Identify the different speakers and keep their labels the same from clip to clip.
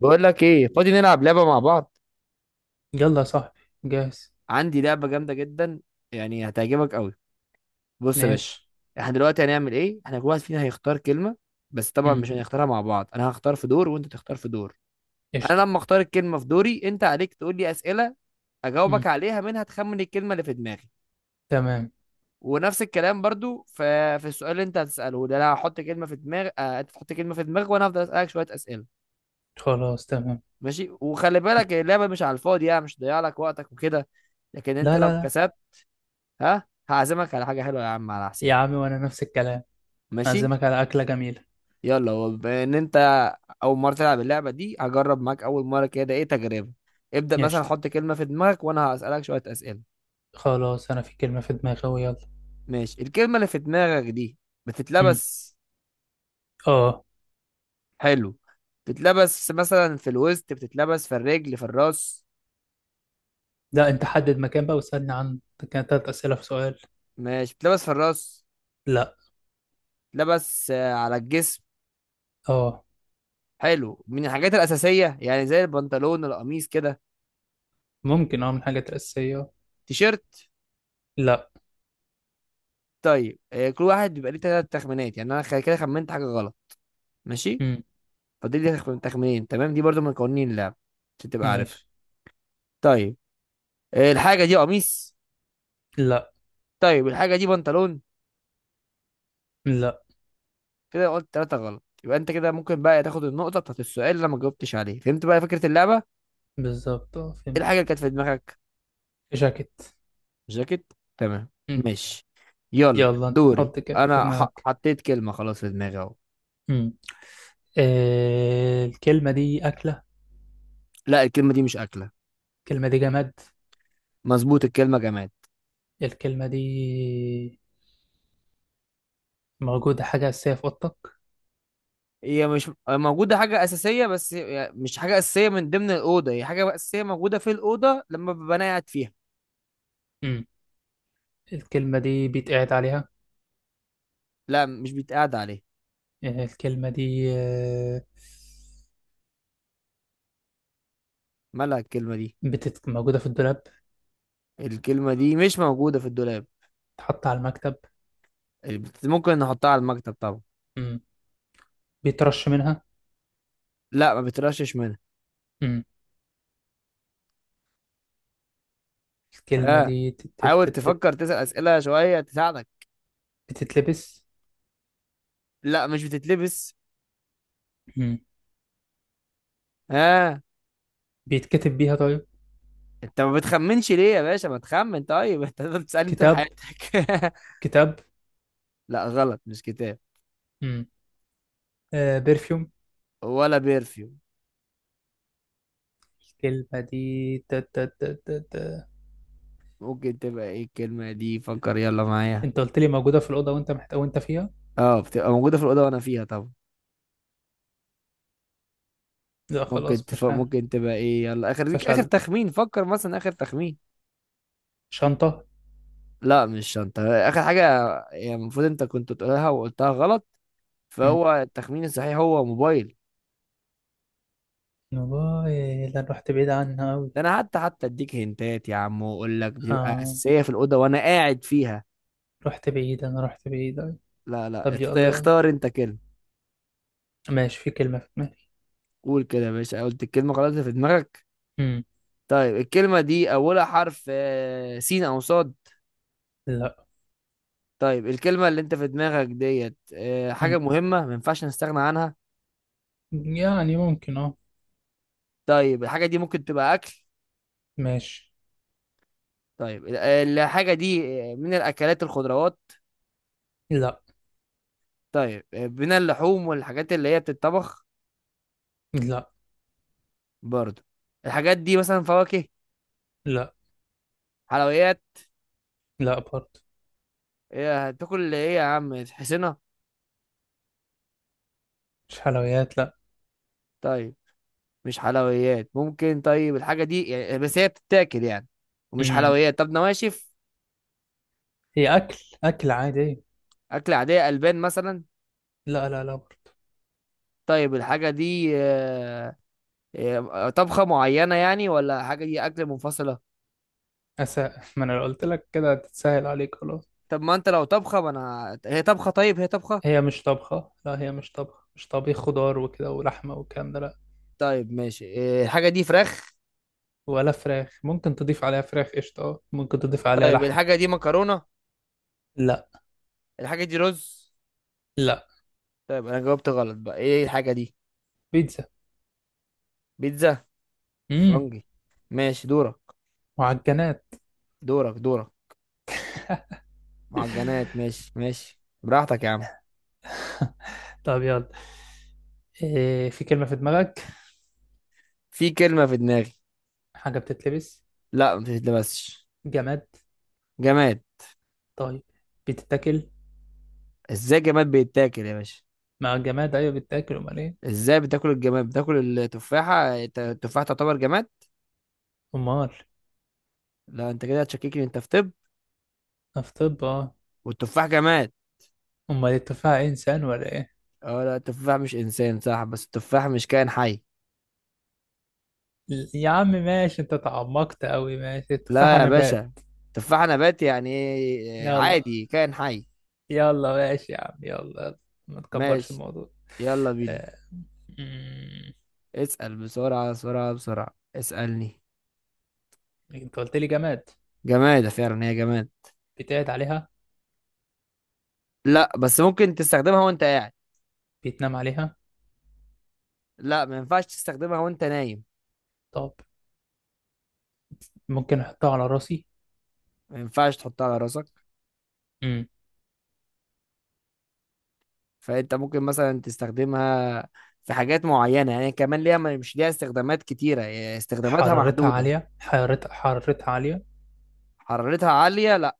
Speaker 1: بقول لك ايه؟ فاضي نلعب لعبه مع بعض.
Speaker 2: يلا يا صاحبي. جاهز.
Speaker 1: عندي لعبه جامده جدا، يعني هتعجبك قوي. بص يا باشا،
Speaker 2: ماشي.
Speaker 1: احنا دلوقتي هنعمل ايه. احنا كل واحد فينا هيختار كلمه، بس طبعا
Speaker 2: امم.
Speaker 1: مش هنختارها مع بعض. انا هختار في دور وانت تختار في دور. انا
Speaker 2: قشطة.
Speaker 1: لما اختار الكلمه في دوري، انت عليك تقول لي اسئله اجاوبك
Speaker 2: امم.
Speaker 1: عليها، منها تخمن الكلمه اللي في دماغي.
Speaker 2: تمام.
Speaker 1: ونفس الكلام برضو في السؤال اللي انت هتساله ده، انا هحط كلمه في دماغ انت تحط كلمه في دماغك وانا هفضل اسالك شويه اسئله.
Speaker 2: خلاص، تمام.
Speaker 1: ماشي، وخلي بالك اللعبه مش على الفاضي، يعني مش ضيع لك وقتك وكده، لكن انت
Speaker 2: لا،
Speaker 1: لو
Speaker 2: لا، لا،
Speaker 1: كسبت ها هعزمك على حاجة حلوة يا عم على
Speaker 2: يا
Speaker 1: حسابي.
Speaker 2: عمي، وانا نفس الكلام.
Speaker 1: ماشي،
Speaker 2: اعزمك على اكلة جميلة.
Speaker 1: يلا. وبما ان انت اول مرة تلعب اللعبة دي، هجرب معاك اول مرة كده، ايه تجربة. ابدأ مثلا
Speaker 2: قشطة.
Speaker 1: حط كلمة في دماغك وانا هسألك شوية أسئلة.
Speaker 2: خلاص، انا في كلمة في دماغي أهو، يلا.
Speaker 1: ماشي، الكلمة اللي في دماغك دي
Speaker 2: امم.
Speaker 1: بتتلبس؟
Speaker 2: اه.
Speaker 1: حلو. بتتلبس مثلا في الوسط، بتتلبس في الرجل، في الراس؟
Speaker 2: لا، انت حدد مكان بقى واسألني عن. كانت 3 اسئلة في سؤال.
Speaker 1: ماشي، بتتلبس في الراس؟
Speaker 2: لا.
Speaker 1: بتتلبس على الجسم؟
Speaker 2: اه.
Speaker 1: حلو، من الحاجات الأساسية يعني زي البنطلون القميص كده؟
Speaker 2: ممكن، من حاجات اساسية.
Speaker 1: تيشيرت؟
Speaker 2: لا.
Speaker 1: طيب كل واحد بيبقى ليه ثلاث تخمينات، يعني انا كده خمنت حاجه غلط. ماشي،
Speaker 2: امم.
Speaker 1: فاضل لي تخمينين، تمام؟ دي برضو من قوانين اللعب عشان تبقى عارف.
Speaker 2: ماشي.
Speaker 1: طيب الحاجه دي قميص؟
Speaker 2: لا،
Speaker 1: طيب الحاجه دي بنطلون؟
Speaker 2: لا.
Speaker 1: كده قلت ثلاثه غلط، يبقى انت كده ممكن بقى تاخد النقطه بتاعت السؤال اللي أنا ما جاوبتش عليه. فهمت بقى فكره اللعبه؟
Speaker 2: بالظبط،
Speaker 1: ايه
Speaker 2: فهمت.
Speaker 1: الحاجه اللي كانت في دماغك؟
Speaker 2: جاكيت.
Speaker 1: جاكيت، تمام.
Speaker 2: امم.
Speaker 1: ماشي، يلا
Speaker 2: يلا انت
Speaker 1: دوري
Speaker 2: حط كده في
Speaker 1: انا.
Speaker 2: دماغك.
Speaker 1: حطيت كلمه خلاص في دماغي اهو.
Speaker 2: مم. الكلمة دي أكلة؟
Speaker 1: لا، الكلمه دي مش اكله.
Speaker 2: الكلمة دي جماد؟
Speaker 1: مظبوط، الكلمه جماد.
Speaker 2: الكلمة دي موجودة، حاجة أساسية في أوضتك؟
Speaker 1: هي مش موجودة حاجة أساسية، بس مش حاجة أساسية من ضمن الأوضة، هي حاجة أساسية موجودة في الأوضة لما ببقى أنا قاعد فيها.
Speaker 2: مم. الكلمة دي بيتقعد عليها؟
Speaker 1: لا مش بيتقعد عليها.
Speaker 2: الكلمة دي
Speaker 1: مالها الكلمة دي.
Speaker 2: موجودة في الدولاب؟
Speaker 1: الكلمة دي مش موجودة في الدولاب.
Speaker 2: تحط على المكتب؟
Speaker 1: ممكن نحطها على المكتب طبعا.
Speaker 2: مم. بيترش منها؟
Speaker 1: لا ما بترشش منها.
Speaker 2: مم. الكلمة
Speaker 1: ها،
Speaker 2: دي.
Speaker 1: حاول تفكر، تسأل أسئلة شوية تساعدك.
Speaker 2: بتتلبس؟
Speaker 1: لا مش بتتلبس.
Speaker 2: مم.
Speaker 1: ها،
Speaker 2: بيتكتب بيها، طيب.
Speaker 1: انت ما بتخمنش ليه يا باشا؟ ما تخمن طيب. انت هتفضل تسألني طول
Speaker 2: كتاب.
Speaker 1: حياتك.
Speaker 2: كتاب.
Speaker 1: لا غلط، مش كتاب.
Speaker 2: مم. برفيوم.
Speaker 1: ولا بيرفيوم.
Speaker 2: الكلمة دي. تت...
Speaker 1: ممكن تبقى ايه الكلمة دي؟ فكر يلا معايا.
Speaker 2: انت قلت لي موجودة في الأوضة، وانت فيها.
Speaker 1: اه بتبقى موجودة في الأوضة وأنا فيها طبعا.
Speaker 2: لا،
Speaker 1: ممكن
Speaker 2: خلاص، مش عارف.
Speaker 1: ممكن تبقى ايه؟ يلا آخر ليك، آخر
Speaker 2: فشل.
Speaker 1: تخمين، فكر مثلا آخر تخمين.
Speaker 2: شنطة.
Speaker 1: لا مش شنطة. آخر حاجة، يعني المفروض أنت كنت تقولها وقلتها غلط،
Speaker 2: مم.
Speaker 1: فهو التخمين الصحيح هو موبايل.
Speaker 2: والله، ده أنا رحت بعيد عنها أوي.
Speaker 1: ده أنا حتى أديك هنتات يا عم وأقول لك بتبقى
Speaker 2: آه.
Speaker 1: أساسية في الأوضة وأنا قاعد فيها.
Speaker 2: رحت بعيد، أنا رحت بعيد أوي.
Speaker 1: لا لا،
Speaker 2: طب يلا، يلا.
Speaker 1: اختار أنت كلمة.
Speaker 2: ماشي، في كلمة في دماغي.
Speaker 1: قول كده يا باشا، قلت الكلمة خلاص اللي في دماغك؟
Speaker 2: مم.
Speaker 1: طيب الكلمة دي أولها حرف سين أو صاد؟
Speaker 2: لا.
Speaker 1: طيب الكلمة اللي انت في دماغك ديت حاجة
Speaker 2: مم.
Speaker 1: مهمة ما ينفعش نستغنى عنها؟
Speaker 2: يعني ممكن، اه.
Speaker 1: طيب الحاجة دي ممكن تبقى أكل؟
Speaker 2: ماشي.
Speaker 1: طيب الحاجة دي من الأكلات الخضروات؟
Speaker 2: لا
Speaker 1: طيب من اللحوم والحاجات اللي هي بتتطبخ؟
Speaker 2: لا.
Speaker 1: برضو الحاجات دي مثلا فواكه؟
Speaker 2: لا،
Speaker 1: حلويات؟
Speaker 2: لا، برضه.
Speaker 1: إيه، هتاكل ايه يا عم؟ تحسنها.
Speaker 2: مش حلويات، لا.
Speaker 1: طيب مش حلويات ممكن. طيب الحاجة دي يعني، بس هي بتتاكل يعني ومش
Speaker 2: مم.
Speaker 1: حلويات، طب نواشف؟
Speaker 2: هي أكل. أكل عادي.
Speaker 1: أكل عادية، ألبان مثلا؟
Speaker 2: لا، لا، لا، برضه.
Speaker 1: طيب الحاجة دي آه، إيه، طبخة معينة يعني ولا حاجة دي أكل منفصلة؟
Speaker 2: أسا ما أنا لو قلت لك كده هتتسهل عليك خلاص.
Speaker 1: طب ما أنت لو طبخة ما أنا هي طبخة، طيب هي طبخة؟
Speaker 2: هي مش طبخة، لا، هي مش طبخة، مش طبيخ خضار وكده ولحمة والكلام ده، لا.
Speaker 1: طيب ماشي، إيه، الحاجة دي فراخ؟
Speaker 2: ولا فراخ، ممكن تضيف عليها فراخ، قشطة، ممكن تضيف عليها
Speaker 1: طيب
Speaker 2: لحم.
Speaker 1: الحاجة دي مكرونة؟
Speaker 2: لا.
Speaker 1: الحاجة دي رز؟
Speaker 2: لا.
Speaker 1: طيب أنا جاوبت غلط، بقى إيه الحاجة دي؟
Speaker 2: بيتزا.
Speaker 1: بيتزا،
Speaker 2: امم.
Speaker 1: فرنجي. ماشي دورك.
Speaker 2: معجنات.
Speaker 1: دورك دورك. معجنات. ماشي ماشي، براحتك يا عم.
Speaker 2: طب يلا. إيه، في كلمة في دماغك؟
Speaker 1: في كلمة في دماغي.
Speaker 2: حاجة بتتلبس؟
Speaker 1: لا ما تتلبسش.
Speaker 2: جماد؟
Speaker 1: جماد.
Speaker 2: طيب، بتتاكل؟
Speaker 1: ازاي جماد بيتاكل يا باشا؟
Speaker 2: مع الجماد أيوة بتتاكل، أمال إيه؟
Speaker 1: ازاي بتاكل الجماد؟ بتاكل التفاحة، التفاحة تعتبر جماد؟
Speaker 2: أمال.
Speaker 1: لا انت كده هتشككني انت، في طب؟
Speaker 2: في طب، أه.
Speaker 1: والتفاح جماد؟
Speaker 2: أمال التفاحة إنسان ولا إيه؟
Speaker 1: اه لا، التفاح مش انسان صح، بس التفاح مش كائن حي.
Speaker 2: يا عم ماشي، أنت تعمقت أوي، ماشي،
Speaker 1: لا
Speaker 2: التفاحة
Speaker 1: يا
Speaker 2: نبات.
Speaker 1: باشا، تفاح نبات يعني ايه؟
Speaker 2: يلا،
Speaker 1: عادي كائن حي.
Speaker 2: يلا، ماشي يا عم، يلا، يلا. ما تكبرش
Speaker 1: ماشي،
Speaker 2: الموضوع.
Speaker 1: يلا بينا.
Speaker 2: آه.
Speaker 1: اسأل بسرعة بسرعة بسرعة، اسألني.
Speaker 2: انت قلت لي جماد.
Speaker 1: جماد، فعلا هي جماد.
Speaker 2: بيتقعد عليها؟
Speaker 1: لا بس ممكن تستخدمها وانت قاعد.
Speaker 2: بيتنام عليها؟
Speaker 1: لا ما ينفعش تستخدمها وانت نايم.
Speaker 2: طب، ممكن احطها على راسي؟
Speaker 1: ما ينفعش تحطها على راسك.
Speaker 2: امم.
Speaker 1: فانت ممكن مثلا تستخدمها في حاجات معينة، يعني كمان ليها، مش ليها استخدامات كتيرة، يعني استخداماتها
Speaker 2: حرارتها
Speaker 1: محدودة.
Speaker 2: عالية، حرارتها حرارتها عالية؟
Speaker 1: حرارتها عالية؟ لا.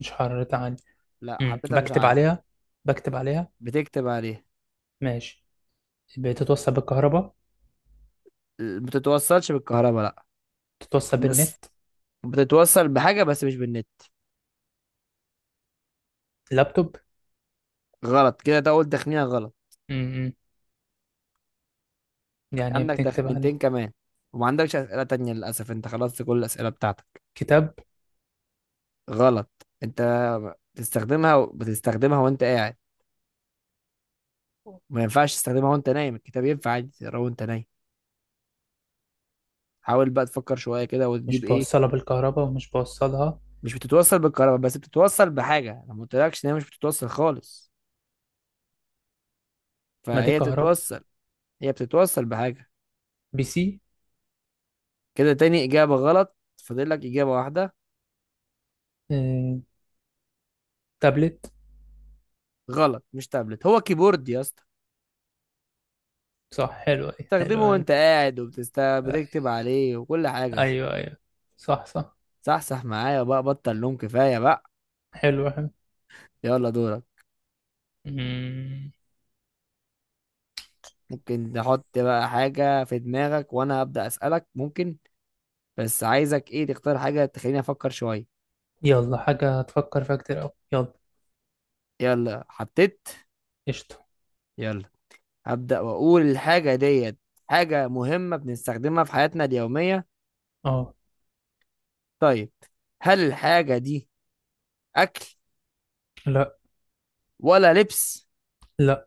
Speaker 2: مش حرارتها عالية.
Speaker 1: لا
Speaker 2: امم.
Speaker 1: حرارتها مش
Speaker 2: بكتب
Speaker 1: عالية.
Speaker 2: عليها، بكتب عليها.
Speaker 1: بتكتب عليها.
Speaker 2: ماشي. بتتوصل بالكهرباء؟
Speaker 1: بتتوصلش بالكهرباء لا،
Speaker 2: بتتوصل
Speaker 1: بس
Speaker 2: بالنت؟
Speaker 1: بتتوصل بحاجة بس مش بالنت.
Speaker 2: لابتوب.
Speaker 1: غلط كده، ده اول تخمينة غلط.
Speaker 2: امم. يعني ايه
Speaker 1: عندك
Speaker 2: بتكتب
Speaker 1: تخمينتين
Speaker 2: عليه؟
Speaker 1: كمان، وما عندكش أسئلة تانية، للأسف انت خلصت كل الأسئلة بتاعتك.
Speaker 2: كتاب.
Speaker 1: غلط انت، بتستخدمها، بتستخدمها وانت قاعد، ما ينفعش تستخدمها وانت نايم. الكتاب ينفع عادي تقراه وانت نايم. حاول بقى تفكر شوية كده وتجيب
Speaker 2: مش
Speaker 1: ايه.
Speaker 2: بوصلها بالكهرباء، ومش بوصلها.
Speaker 1: مش بتتوصل بالكهرباء، بس بتتوصل بحاجة، انا ما قلتلكش ان هي مش بتتوصل خالص،
Speaker 2: ما دي
Speaker 1: فهي
Speaker 2: كهرباء.
Speaker 1: تتوصل. هي بتتوصل بحاجة.
Speaker 2: PC.
Speaker 1: كده تاني إجابة غلط، فاضل لك إجابة واحدة.
Speaker 2: أمم. تابلت.
Speaker 1: غلط، مش تابلت، هو كيبورد يا اسطى.
Speaker 2: صح، حلو أوي، حلو،
Speaker 1: بتستخدمه
Speaker 2: حلو.
Speaker 1: وانت قاعد، وبتست بتكتب عليه وكل حاجة.
Speaker 2: ايوه، ايوه. صح، صح.
Speaker 1: صح صح، معايا بقى، بطل نوم، كفاية بقى.
Speaker 2: حلو، حلو.
Speaker 1: يلا دورك.
Speaker 2: مم.
Speaker 1: ممكن تحط بقى حاجة في دماغك وأنا أبدأ أسألك؟ ممكن، بس عايزك إيه، تختار حاجة تخليني أفكر شوية.
Speaker 2: يلا، حاجة تفكر فيها كتير أوي، يلا.
Speaker 1: يلا حطيت.
Speaker 2: قشطة.
Speaker 1: يلا، هبدأ وأقول الحاجة ديت حاجة مهمة بنستخدمها في حياتنا اليومية.
Speaker 2: اه.
Speaker 1: طيب هل الحاجة دي أكل
Speaker 2: لا.
Speaker 1: ولا لبس؟
Speaker 2: لا.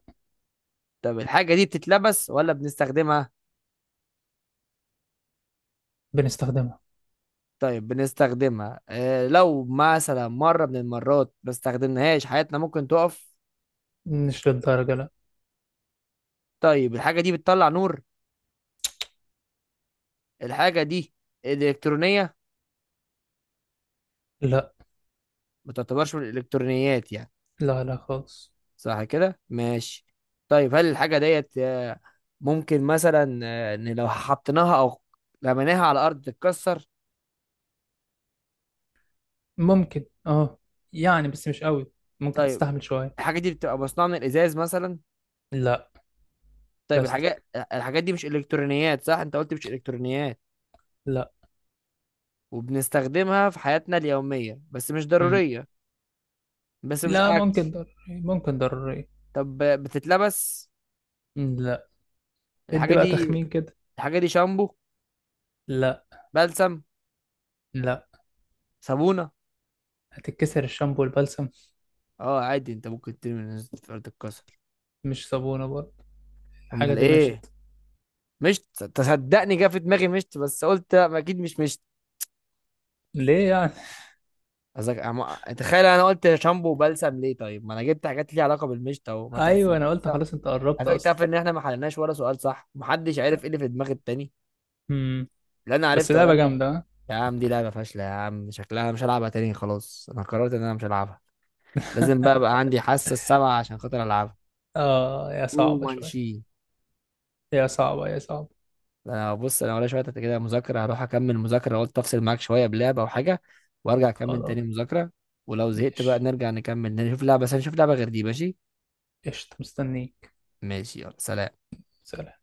Speaker 1: طب الحاجة دي بتتلبس ولا بنستخدمها؟
Speaker 2: بنستخدمها.
Speaker 1: طيب بنستخدمها، آه لو مثلا مرة من المرات ما استخدمناهاش حياتنا ممكن تقف؟
Speaker 2: مش للدرجة، لا.
Speaker 1: طيب الحاجة دي بتطلع نور؟ الحاجة دي إلكترونية؟
Speaker 2: لا،
Speaker 1: ما تعتبرش من الإلكترونيات يعني؟
Speaker 2: لا، لا، خالص.
Speaker 1: صح كده، ماشي. طيب هل الحاجة ديت ممكن مثلا إن لو حطيناها أو رميناها على الأرض تتكسر؟
Speaker 2: ممكن، اه. يعني بس مش قوي. ممكن
Speaker 1: طيب
Speaker 2: تستحمل شوية.
Speaker 1: الحاجة دي بتبقى مصنوعة من الإزاز مثلا؟
Speaker 2: لا.
Speaker 1: طيب الحاجات،
Speaker 2: بلاستيك.
Speaker 1: الحاجات دي مش إلكترونيات صح، أنت قلت مش إلكترونيات،
Speaker 2: لا.
Speaker 1: وبنستخدمها في حياتنا اليومية بس مش
Speaker 2: مم.
Speaker 1: ضرورية، بس مش
Speaker 2: لا،
Speaker 1: أكل.
Speaker 2: ممكن ضروري، ممكن ضروري.
Speaker 1: طب بتتلبس؟
Speaker 2: لا. ادي
Speaker 1: الحاجة
Speaker 2: بقى
Speaker 1: دي،
Speaker 2: تخمين كده.
Speaker 1: الحاجة دي شامبو؟
Speaker 2: لا.
Speaker 1: بلسم؟
Speaker 2: لا.
Speaker 1: صابونة؟
Speaker 2: هتتكسر الشامبو والبلسم؟
Speaker 1: اه عادي، انت ممكن ترمي من فرد الكسر.
Speaker 2: مش صابونة برضه. الحاجة
Speaker 1: امال
Speaker 2: دي
Speaker 1: ايه؟
Speaker 2: مشت.
Speaker 1: مشت؟ تصدقني جه في دماغي مشت بس قلت لا، ما اكيد مش مشت.
Speaker 2: ليه يعني؟
Speaker 1: قصدك تخيل انا قلت شامبو وبلسم ليه، طيب ما انا جبت حاجات ليها علاقة بالمشت اهو، ما
Speaker 2: ايوه،
Speaker 1: تحسب
Speaker 2: انا قلت
Speaker 1: صح.
Speaker 2: خلاص، انت
Speaker 1: على
Speaker 2: قربت
Speaker 1: فكرة
Speaker 2: اصلا.
Speaker 1: تعرف ان احنا ما حلناش ولا سؤال صح؟ محدش عرف ايه اللي في دماغ التاني.
Speaker 2: مم.
Speaker 1: لا انا
Speaker 2: بس
Speaker 1: عرفت
Speaker 2: لعبة
Speaker 1: ولا.
Speaker 2: جامدة، ها؟
Speaker 1: يا عم دي لعبة فاشلة، يا عم شكلها مش هلعبها تاني، خلاص انا قررت ان انا مش هلعبها. لازم بقى عندي حاسة السبعة عشان خاطر العبها.
Speaker 2: يا
Speaker 1: او
Speaker 2: صعبة شوي.
Speaker 1: مانشي.
Speaker 2: يا صعبة، يا صعبة.
Speaker 1: انا بص، انا ولا شوية كده مذاكرة، هروح اكمل مذاكرة، قلت افصل معاك شوية بلعبة او حاجة وارجع اكمل
Speaker 2: خلاص.
Speaker 1: تاني مذاكرة. ولو زهقت بقى
Speaker 2: ماشي.
Speaker 1: نرجع نكمل، نشوف لعبة، بس نشوف لعبة غير دي، ماشي؟
Speaker 2: قشطة، مستنيك.
Speaker 1: ماشي يلا، سلام.
Speaker 2: سلام.